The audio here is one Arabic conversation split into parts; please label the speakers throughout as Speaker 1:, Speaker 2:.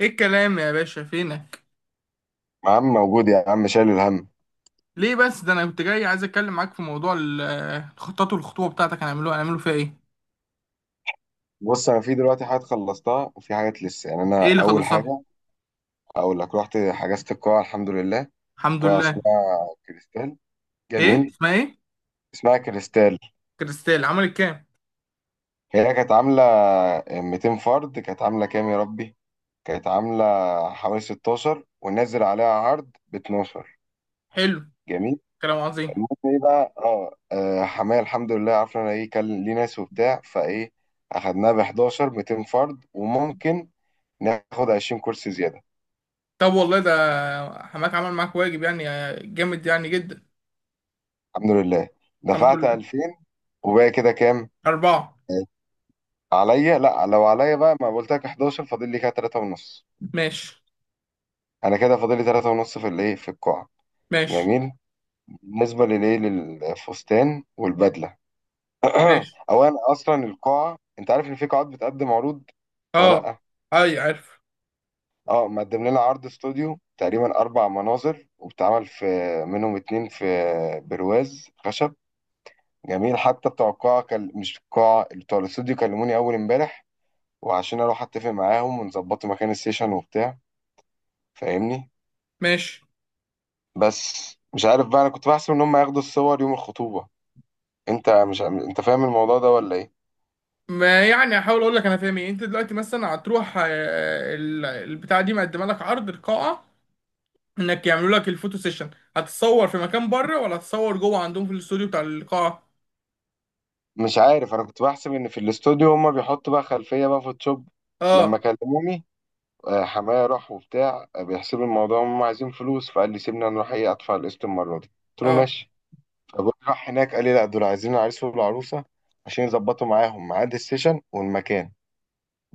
Speaker 1: ايه الكلام يا باشا؟ فينك؟
Speaker 2: يا عم موجود، يا عم شايل الهم.
Speaker 1: ليه بس؟ ده انا كنت جاي عايز اتكلم معاك في موضوع الخطط والخطوبه بتاعتك. هنعملوا فيها ايه؟
Speaker 2: بص، انا في دلوقتي حاجات خلصتها وفي حاجات لسه، يعني انا
Speaker 1: ايه اللي
Speaker 2: اول
Speaker 1: خلصتها؟
Speaker 2: حاجه اقول لك: رحت حجزت القاعه، الحمد لله.
Speaker 1: الحمد
Speaker 2: قاعه اسمها
Speaker 1: لله.
Speaker 2: كريستال.
Speaker 1: ايه
Speaker 2: جميل،
Speaker 1: اسمها ايه؟
Speaker 2: اسمها كريستال.
Speaker 1: كريستال عملت كام؟
Speaker 2: هي كانت عامله 200 فرد، كانت عامله كام يا ربي، كانت عامله حوالي 16، ونزل عليها عرض ب 12.
Speaker 1: حلو.
Speaker 2: جميل.
Speaker 1: كلام
Speaker 2: المهم
Speaker 1: عظيم.
Speaker 2: ايه بقى، حماية الحمد لله عرفنا انا ايه كان ليه ناس وبتاع، فايه اخدناها ب 11، 200 فرد، وممكن ناخد 20 كرسي زياده.
Speaker 1: طب والله، ده حماك عمل معاك واجب يعني. جامد يعني جدا.
Speaker 2: الحمد لله
Speaker 1: الحمد
Speaker 2: دفعت
Speaker 1: لله.
Speaker 2: 2000، وباقي كده كام
Speaker 1: أربعة.
Speaker 2: عليا؟ لا، لو عليا بقى ما قلت لك 11، فاضل لي كده 3 ونص.
Speaker 1: ماشي،
Speaker 2: انا كده فاضل لي 3 ونص في الايه، في القاعة.
Speaker 1: ماشي،
Speaker 2: جميل. بالنسبة للايه، للفستان والبدلة،
Speaker 1: ماشي.
Speaker 2: اولا اصلا القاعة انت عارف ان في قاعات بتقدم عروض ولا
Speaker 1: اه.
Speaker 2: لا؟
Speaker 1: اي عارف.
Speaker 2: اه، مقدم لنا عرض استوديو تقريبا اربع مناظر، وبتعمل في منهم اتنين في برواز خشب. جميل، حتى بتوع القاعة كان، مش القاعة، بتوع الاستوديو كلموني اول امبارح، وعشان اروح اتفق معاهم ونظبط مكان السيشن وبتاع، فاهمني؟
Speaker 1: ماشي.
Speaker 2: بس مش عارف بقى، انا كنت بحسب ان هم ياخدوا الصور يوم الخطوبة. انت مش، انت فاهم الموضوع ده ولا ايه؟
Speaker 1: ما يعني هحاول اقول لك انا فاهم ايه. انت دلوقتي مثلا هتروح، البتاعه دي مقدمه لك عرض القاعه، انك يعملوا لك الفوتو سيشن. هتصور في مكان بره ولا هتصور جوه عندهم في الاستوديو بتاع القاعه؟
Speaker 2: مش عارف، انا كنت بحسب ان في الاستوديو هم بيحطوا بقى خلفية بقى فوتوشوب. لما
Speaker 1: اه.
Speaker 2: كلموني حماية راح وبتاع بيحسبوا الموضوع، هم عايزين فلوس، فقال لي سيبني انا اروح ايه، ادفع القسط المرة دي. قلت له
Speaker 1: اه.
Speaker 2: ماشي. فبقول راح هناك، قال لي لا، دول عايزين العريس والعروسة عشان يظبطوا معاهم ميعاد السيشن والمكان.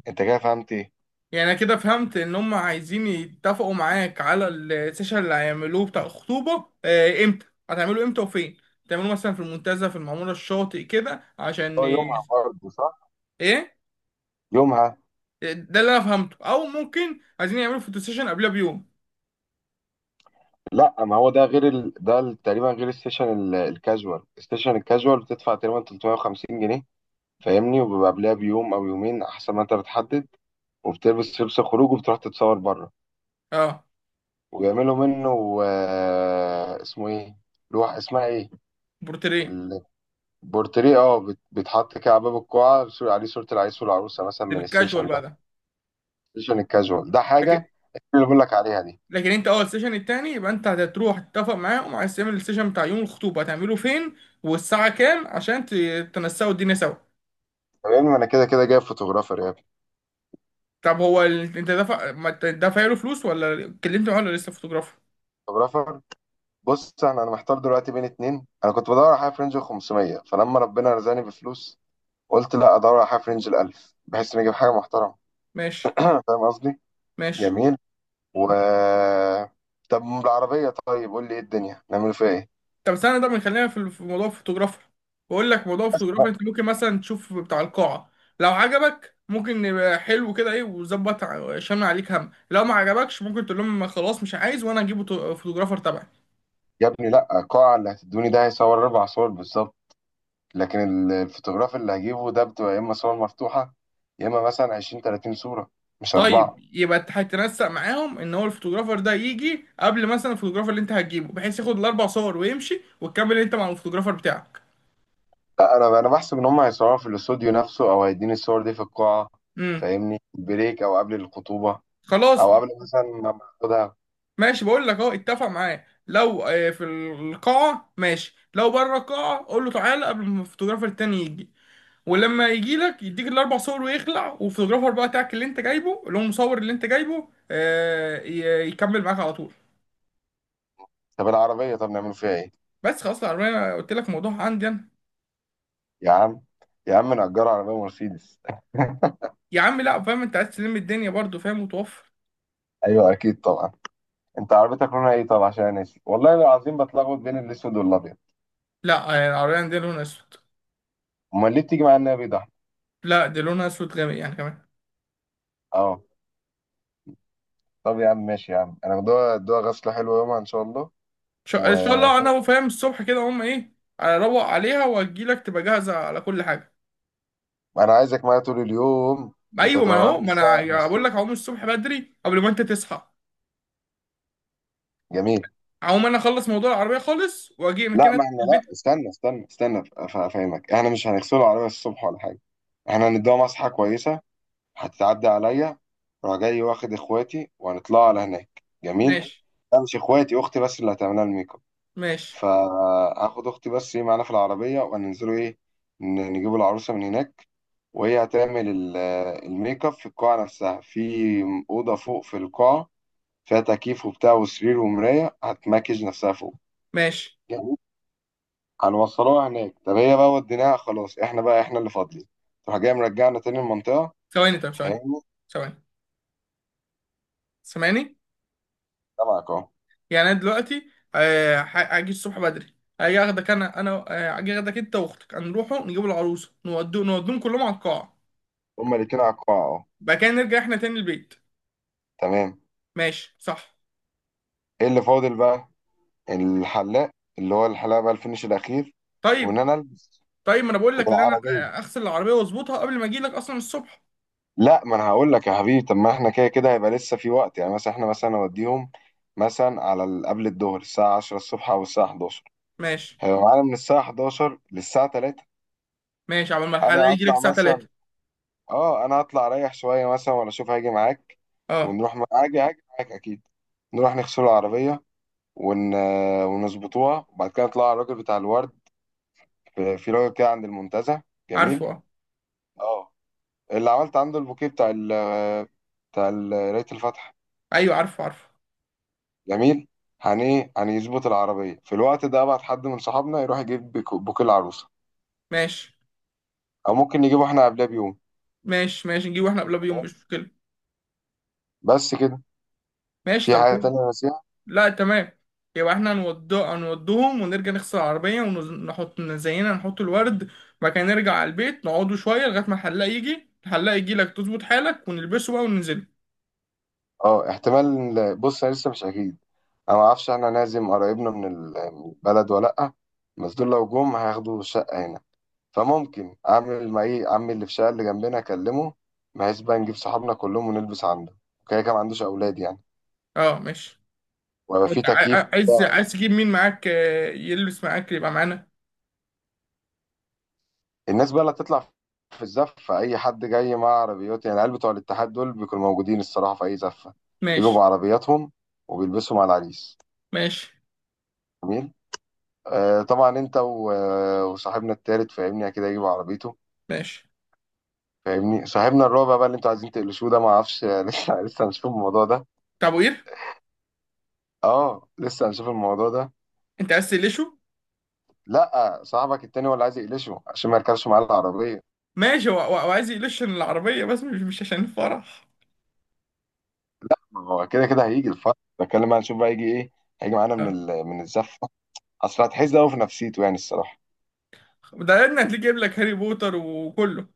Speaker 2: انت كده فهمت ايه؟
Speaker 1: يعني انا كده فهمت ان هم عايزين يتفقوا معاك على السيشن اللي هيعملوه بتاع الخطوبه. امتى هتعملوه؟ امتى وفين تعملوه؟ مثلا في المنتزه، في المعموره، الشاطئ كده، عشان
Speaker 2: هو يومها برضه صح؟
Speaker 1: ايه.
Speaker 2: يومها.
Speaker 1: ده اللي انا فهمته، او ممكن عايزين يعملوا فوتو سيشن قبلها بيوم.
Speaker 2: لا، ما هو ده غير تقريبا غير السيشن الكاجوال. السيشن الكاجوال بتدفع تقريبا 350 جنيه، فاهمني، وبيبقى قبلها بيوم او يومين، احسن ما انت بتحدد، وبتلبس لبس الخروج وبتروح تتصور بره،
Speaker 1: اه.
Speaker 2: وبيعملوا منه اسمه ايه، لوح اسمها ايه،
Speaker 1: بورتريه.
Speaker 2: البورتريه. اه، بيتحط كده على باب القاعه، بيصير عليه صوره العريس والعروسه مثلا
Speaker 1: ده
Speaker 2: من
Speaker 1: بالكاجوال
Speaker 2: السيشن ده.
Speaker 1: بقى ده.
Speaker 2: السيشن الكاجوال ده حاجه اللي بقول لك عليها دي.
Speaker 1: لكن انت اول سيشن، التاني يبقى انت هتروح تتفق معاهم، عايز تعمل السيشن بتاع يوم الخطوبه هتعمله فين والساعه كام؟ عشان تنسقوا الدنيا سوا.
Speaker 2: طب يا ابني ما انا كده كده جايب فوتوغرافر يا ابني،
Speaker 1: طب هو ال... انت دفع ما انت دافع له فلوس، ولا اتكلمت معاه، ولا لسه فوتوغرافر؟
Speaker 2: فوتوغرافر. بص انا محتار دلوقتي بين اتنين. انا كنت بدور على حاجه في رينج ال 500، فلما ربنا رزقني بفلوس قلت لا، ادور على حاجه في رينج ال 1000، بحيث اني اجيب حاجه محترمه.
Speaker 1: ماشي.
Speaker 2: فاهم قصدي؟
Speaker 1: ماشي.
Speaker 2: جميل. و، طب بالعربيه، طيب قول لي ايه الدنيا نعمل فيها ايه؟
Speaker 1: طب استنى. طب خلينا في موضوع الفوتوغرافر. بقول لك موضوع
Speaker 2: بس
Speaker 1: الفوتوغرافر،
Speaker 2: بقى.
Speaker 1: انت ممكن مثلا تشوف بتاع القاعه. لو عجبك ممكن يبقى حلو كده، ايه وظبط، شامل عليك هم. لو ما عجبكش ممكن تقول لهم خلاص مش عايز، وانا هجيب فوتوغرافر تبعي.
Speaker 2: يا ابني لا، القاعه اللي هتدوني ده هيصور اربع صور بالظبط، لكن الفوتوغراف اللي هجيبه ده بتبقى يا اما صور مفتوحه، يا اما مثلا 20، 30 صوره، مش
Speaker 1: طيب
Speaker 2: اربعه.
Speaker 1: يبقى انت هتنسق معاهم ان هو الفوتوغرافر ده يجي قبل مثلا الفوتوغرافر اللي انت هتجيبه، بحيث ياخد الاربع صور ويمشي، وتكمل انت مع الفوتوغرافر بتاعك.
Speaker 2: لا، انا بحسب ان هم هيصوروا في الاستوديو نفسه، او هيديني الصور دي في القاعه،
Speaker 1: امم.
Speaker 2: فاهمني، بريك او قبل الخطوبه،
Speaker 1: خلاص.
Speaker 2: او قبل مثلا ما باخدها.
Speaker 1: ماشي، بقول لك اهو، اتفق معاه. لو في القاعة ماشي، لو بره القاعة قول له تعالى قبل ما الفوتوغرافر التاني يجي. ولما يجي لك يديك الاربع صور ويخلع، والفوتوغرافر بقى بتاعك اللي انت جايبه، اللي هو المصور اللي انت جايبه، يكمل معاك على طول.
Speaker 2: طب العربيه، طب نعمل فيها ايه؟
Speaker 1: بس خلاص، العربية قلت لك موضوع عندي انا.
Speaker 2: يا عم يا عم نأجر عربيه مرسيدس.
Speaker 1: يا عم لا، فاهم انت عايز تلم الدنيا برضه، فاهم وتوفر.
Speaker 2: ايوه اكيد طبعا. انت عربيتك لونها ايه طب، عشان أنا ناسي والله العظيم، بتلخبط بين الاسود والابيض.
Speaker 1: لا، يعني العربية عندنا لونها اسود.
Speaker 2: امال ليه بتيجي معايا النبي ده؟
Speaker 1: لا، دي لونها اسود جامد يعني كمان.
Speaker 2: اه. طب يا عم ماشي يا عم، انا بدوها ادوها غسله حلوه يومها ان شاء الله.
Speaker 1: ان شاء
Speaker 2: وانا
Speaker 1: الله، انا وفاهم الصبح كده هم ايه. اروق عليها واجيلك تبقى جاهزة على كل حاجة.
Speaker 2: عايزك معايا طول اليوم، انت
Speaker 1: ايوه، ما
Speaker 2: تبقى
Speaker 1: انا
Speaker 2: معايا
Speaker 1: اهو،
Speaker 2: من
Speaker 1: ما
Speaker 2: الساعه، من
Speaker 1: انا بقول
Speaker 2: الصبح.
Speaker 1: لك هقوم الصبح بدري قبل ما انت تصحى.
Speaker 2: جميل.
Speaker 1: هقوم انا اخلص موضوع العربية خالص واجي من
Speaker 2: لا
Speaker 1: كده
Speaker 2: ما احنا، لا
Speaker 1: البيت.
Speaker 2: استنى استنى استنى افهمك، احنا مش هنغسله العربية الصبح ولا حاجة، احنا هنديها مسحة كويسة، هتتعدي عليا، راح جاي واخد اخواتي وهنطلع على هناك. جميل.
Speaker 1: ماشي،
Speaker 2: لا، مش اخواتي، اختي بس اللي هتعملها الميك اب،
Speaker 1: ماشي،
Speaker 2: فهاخد اختي بس ايه معانا في العربية، وهننزلوا ايه، نجيبوا العروسة من هناك، وهي هتعمل الميك اب في القاعة نفسها، في أوضة فوق في القاعة، فيها تكييف وبتاع وسرير ومراية، هتماكج نفسها فوق،
Speaker 1: ماشي.
Speaker 2: هنوصلوها هناك. طب هي بقى وديناها خلاص، احنا بقى احنا اللي فاضلين، تروح جاي مرجعنا تاني المنطقة،
Speaker 1: ثواني، طب ثواني.
Speaker 2: فاهمني؟
Speaker 1: ثواني. سامعني؟
Speaker 2: سامعك اهو.
Speaker 1: يعني انا دلوقتي، هاجي الصبح بدري. هاجي اخدك، انا هاجي اخدك انت واختك، هنروحوا نجيب العروسه، نودوهم كلهم على القاعه.
Speaker 2: هما الاتنين على القاع اهو.
Speaker 1: بعد كده نرجع احنا تاني البيت.
Speaker 2: تمام.
Speaker 1: ماشي صح؟
Speaker 2: ايه اللي فاضل بقى؟ الحلاق، اللي هو الحلاق بقى الفينش الاخير، وان
Speaker 1: طيب.
Speaker 2: انا البس.
Speaker 1: طيب. ما انا بقول لك ان انا
Speaker 2: والعربية،
Speaker 1: اغسل العربيه واظبطها قبل ما اجي لك اصلا الصبح.
Speaker 2: لا ما انا هقول لك يا حبيبي، طب ما احنا كده كده هيبقى لسه في وقت، يعني مثلا احنا مثلا نوديهم مثلا على قبل الظهر الساعة 10 الصبح او الساعة 11،
Speaker 1: ماشي.
Speaker 2: هيبقى معانا من الساعة 11 للساعة 3.
Speaker 1: ماشي عبال ما
Speaker 2: انا
Speaker 1: الحلاق يجي لك
Speaker 2: هطلع
Speaker 1: الساعه
Speaker 2: مثلا،
Speaker 1: 3.
Speaker 2: اه انا هطلع اريح شويه مثلا، ولا اشوف هاجي معاك؟
Speaker 1: اه
Speaker 2: ونروح هاجي معاك اكيد، نروح نغسل العربيه ون... ونظبطوها، وبعد كده نطلع على الراجل بتاع الورد، في راجل كده عند المنتزه.
Speaker 1: عارفه.
Speaker 2: جميل.
Speaker 1: اه.
Speaker 2: اه، اللي عملت عنده البوكيه بتاع قرايه الفاتحه.
Speaker 1: ايوه، عارفه، عارفه.
Speaker 2: جميل. هن ايه، هنظبط العربيه في الوقت ده، ابعت حد من صحابنا يروح يجيب بوكيه العروسه،
Speaker 1: ماشي،
Speaker 2: او ممكن نجيبه احنا قبلها بيوم.
Speaker 1: ماشي، ماشي. نجيبه احنا قبلها بيوم، مش مشكله.
Speaker 2: بس كده.
Speaker 1: ماشي.
Speaker 2: في
Speaker 1: طب
Speaker 2: حاجه
Speaker 1: كده.
Speaker 2: تانية بس.
Speaker 1: لا، تمام. يبقى احنا هنودوهم، ونرجع نغسل العربية، ونحط زينا، نحط الورد. بعد كده نرجع على البيت، نقعدوا شوية لغاية ما الحلاق يجي. الحلاق يجي لك، تظبط حالك ونلبسه بقى وننزل.
Speaker 2: اه، احتمال، بص انا لسه مش اكيد، انا ما اعرفش احنا نعزم قرايبنا من من البلد ولا لا، بس دول لو جم هياخدوا شقه هنا، فممكن اعمل مع ايه عمي اللي في الشقه اللي جنبنا اكلمه، بحيث بقى نجيب صحابنا كلهم ونلبس عنده، وكده كده ما عندوش اولاد يعني،
Speaker 1: اه، ماشي.
Speaker 2: ويبقى في
Speaker 1: وانت ع-
Speaker 2: تكييف
Speaker 1: ع- عايز
Speaker 2: وبتاع.
Speaker 1: عايز تجيب مين معاك، يلبس معاك يبقى معانا.
Speaker 2: الناس بقى اللي هتطلع في الزفه، اي حد جاي مع عربيات، يعني العيال بتوع الاتحاد دول بيكونوا موجودين الصراحه في اي زفه، بيجوا
Speaker 1: ماشي،
Speaker 2: بعربياتهم وبيلبسوا مع العريس.
Speaker 1: ماشي،
Speaker 2: جميل. آه طبعا، انت وصاحبنا التالت، فاهمني، اكيد هيجيب عربيته،
Speaker 1: ماشي.
Speaker 2: فاهمني، صاحبنا الرابع بقى اللي انتوا عايزين تقلشوه ده ما اعرفش. لسه لسه هنشوف الموضوع ده.
Speaker 1: طب وقير.
Speaker 2: اه، لسه هنشوف الموضوع ده.
Speaker 1: انت عايز تقلشه؟
Speaker 2: لا، صاحبك التاني هو اللي عايز يقلشه عشان ما يركبش معاه العربيه.
Speaker 1: ماشي. هو عايز يقلش عشان العربية بس، مش عشان الفرح.
Speaker 2: ما هو كده كده هيجي الفرق، بتكلم بقى، نشوف بقى يجي ايه. هيجي معانا
Speaker 1: اه.
Speaker 2: من الزفه، اصل هتحس قوي في نفسيته يعني الصراحه.
Speaker 1: ده ابني، هتلاقيه جايب لك هاري بوتر وكله.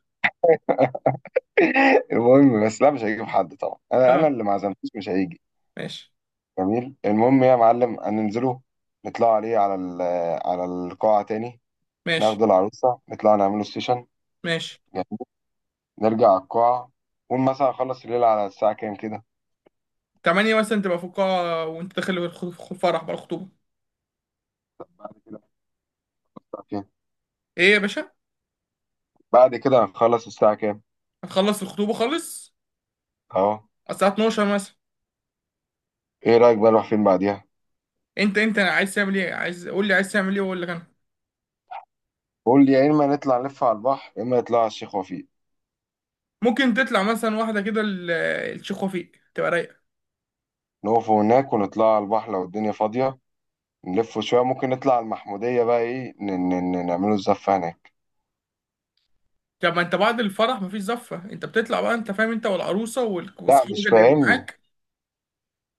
Speaker 2: المهم بس، لا مش هيجيب حد طبعا، انا انا
Speaker 1: اه،
Speaker 2: اللي ما عزمتوش مش هيجي.
Speaker 1: ماشي.
Speaker 2: جميل. المهم يا معلم هننزله، نطلع عليه على القاعه تاني،
Speaker 1: ماشي،
Speaker 2: ناخد العروسة نطلع نعمله سيشن.
Speaker 1: ماشي.
Speaker 2: جميل. نرجع على القاعة، قول مثلا أخلص الليلة على الساعة كام كده؟
Speaker 1: تمانية مثلا تبقى في القاعة، وانت داخل في الفرح بقى، الخطوبة.
Speaker 2: بعد كده، الساعة كام،
Speaker 1: ايه يا باشا؟
Speaker 2: بعد كده هنخلص الساعة كام؟
Speaker 1: هتخلص الخطوبة خالص
Speaker 2: أهو.
Speaker 1: على الساعة 12 مثلا.
Speaker 2: إيه رأيك بقى نروح فين بعديها؟
Speaker 1: انت عايز تعمل ايه؟ عايز قول لي عايز تعمل ايه، واقول لك انا.
Speaker 2: قول لي، يا إما نطلع نلف على البحر، يا إما نطلع على الشيخ وفيق،
Speaker 1: ممكن تطلع مثلا واحدة كده، الشيخ وفيق تبقى رايقة.
Speaker 2: نقف هناك ونطلع على البحر لو الدنيا فاضية، نلف شوية، ممكن نطلع على المحمودية بقى إيه، نعمله الزفة هناك.
Speaker 1: طب ما انت بعد الفرح مفيش زفة، انت بتطلع بقى، انت فاهم، انت والعروسة
Speaker 2: لا
Speaker 1: واصحابك
Speaker 2: مش
Speaker 1: اللي هيبقوا
Speaker 2: فاهمني،
Speaker 1: معاك.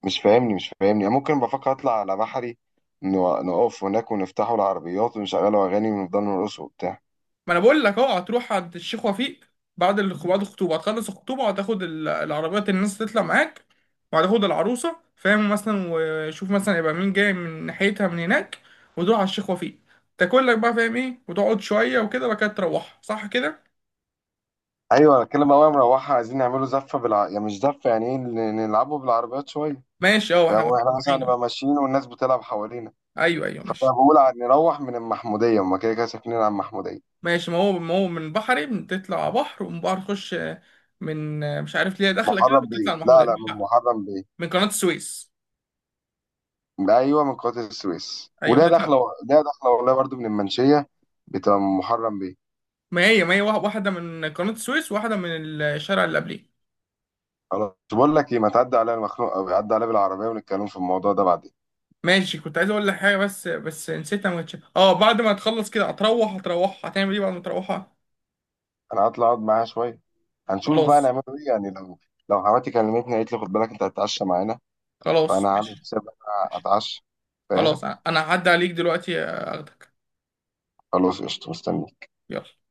Speaker 2: مش فاهمني، مش فاهمني أنا، ممكن بفكر أطلع على بحري، نقف هناك ونفتحوا العربيات ونشغلوا أغاني ونفضل نرقص وبتاع.
Speaker 1: ما انا بقول لك، اه، هتروح عند الشيخ وفيق. بعد الخطوبه هتخلص الخطوبه، وهتاخد العربيات اللي الناس تطلع معاك، وهتاخد العروسه، فاهم؟ مثلا، وشوف مثلا يبقى مين جاي من ناحيتها من هناك، وتروح على الشيخ وفيق، تاكل لك بقى فاهم ايه، وتقعد شويه وكده، بعد كده تروح. صح كده؟
Speaker 2: ايوه انا اتكلم بقى مروحه، عايزين نعمله زفه يعني مش زفه، يعني ايه، نلعبه بالعربيات شويه،
Speaker 1: ماشي، اه،
Speaker 2: فهو
Speaker 1: واحنا
Speaker 2: احنا مثلا
Speaker 1: رايحين أهو.
Speaker 2: هنبقى ماشيين والناس بتلعب حوالينا،
Speaker 1: ايوه، ايوه
Speaker 2: فانا
Speaker 1: ماشي.
Speaker 2: بقول عن نروح من المحموديه، هما كده كده ساكنين على المحموديه.
Speaker 1: ماشي. ما هو من بحري بتطلع بحر، ومن بحر تخش. مش عارف ليه داخله كده،
Speaker 2: محرم بيه،
Speaker 1: بتطلع على
Speaker 2: لا
Speaker 1: محمود.
Speaker 2: لا، من محرم بيه.
Speaker 1: من قناه السويس.
Speaker 2: ايوه من قناه السويس،
Speaker 1: ايوه
Speaker 2: وليها
Speaker 1: بتطلع.
Speaker 2: داخله، ليها داخله والله، برضو من المنشيه، بتبقى من محرم بيه.
Speaker 1: ما هي واحدة من قناة السويس، واحدة من الشارع اللي قبليه.
Speaker 2: خلاص، بقول لك ايه، ما تعدي عليا أنا مخنوق، او عدي عليا بالعربيه ونتكلم في الموضوع ده بعدين.
Speaker 1: ماشي. كنت عايز اقول لك حاجة بس نسيتها. ما كنتش. اه، بعد ما تخلص كده هتروح هتعمل ايه بعد ما تروحها؟
Speaker 2: انا هطلع اقعد معاها شويه، هنشوف بقى
Speaker 1: خلاص.
Speaker 2: نعمله ايه، يعني لو، لو حماتي كلمتني قالت لي خد بالك انت هتتعشى معانا، فانا
Speaker 1: خلاص،
Speaker 2: عامل
Speaker 1: ماشي.
Speaker 2: حساب إن انا
Speaker 1: ماشي.
Speaker 2: اتعشى. فاهم.
Speaker 1: خلاص، انا هعدي عليك دلوقتي، اخدك.
Speaker 2: خلاص قشطة، مستني.
Speaker 1: يلا.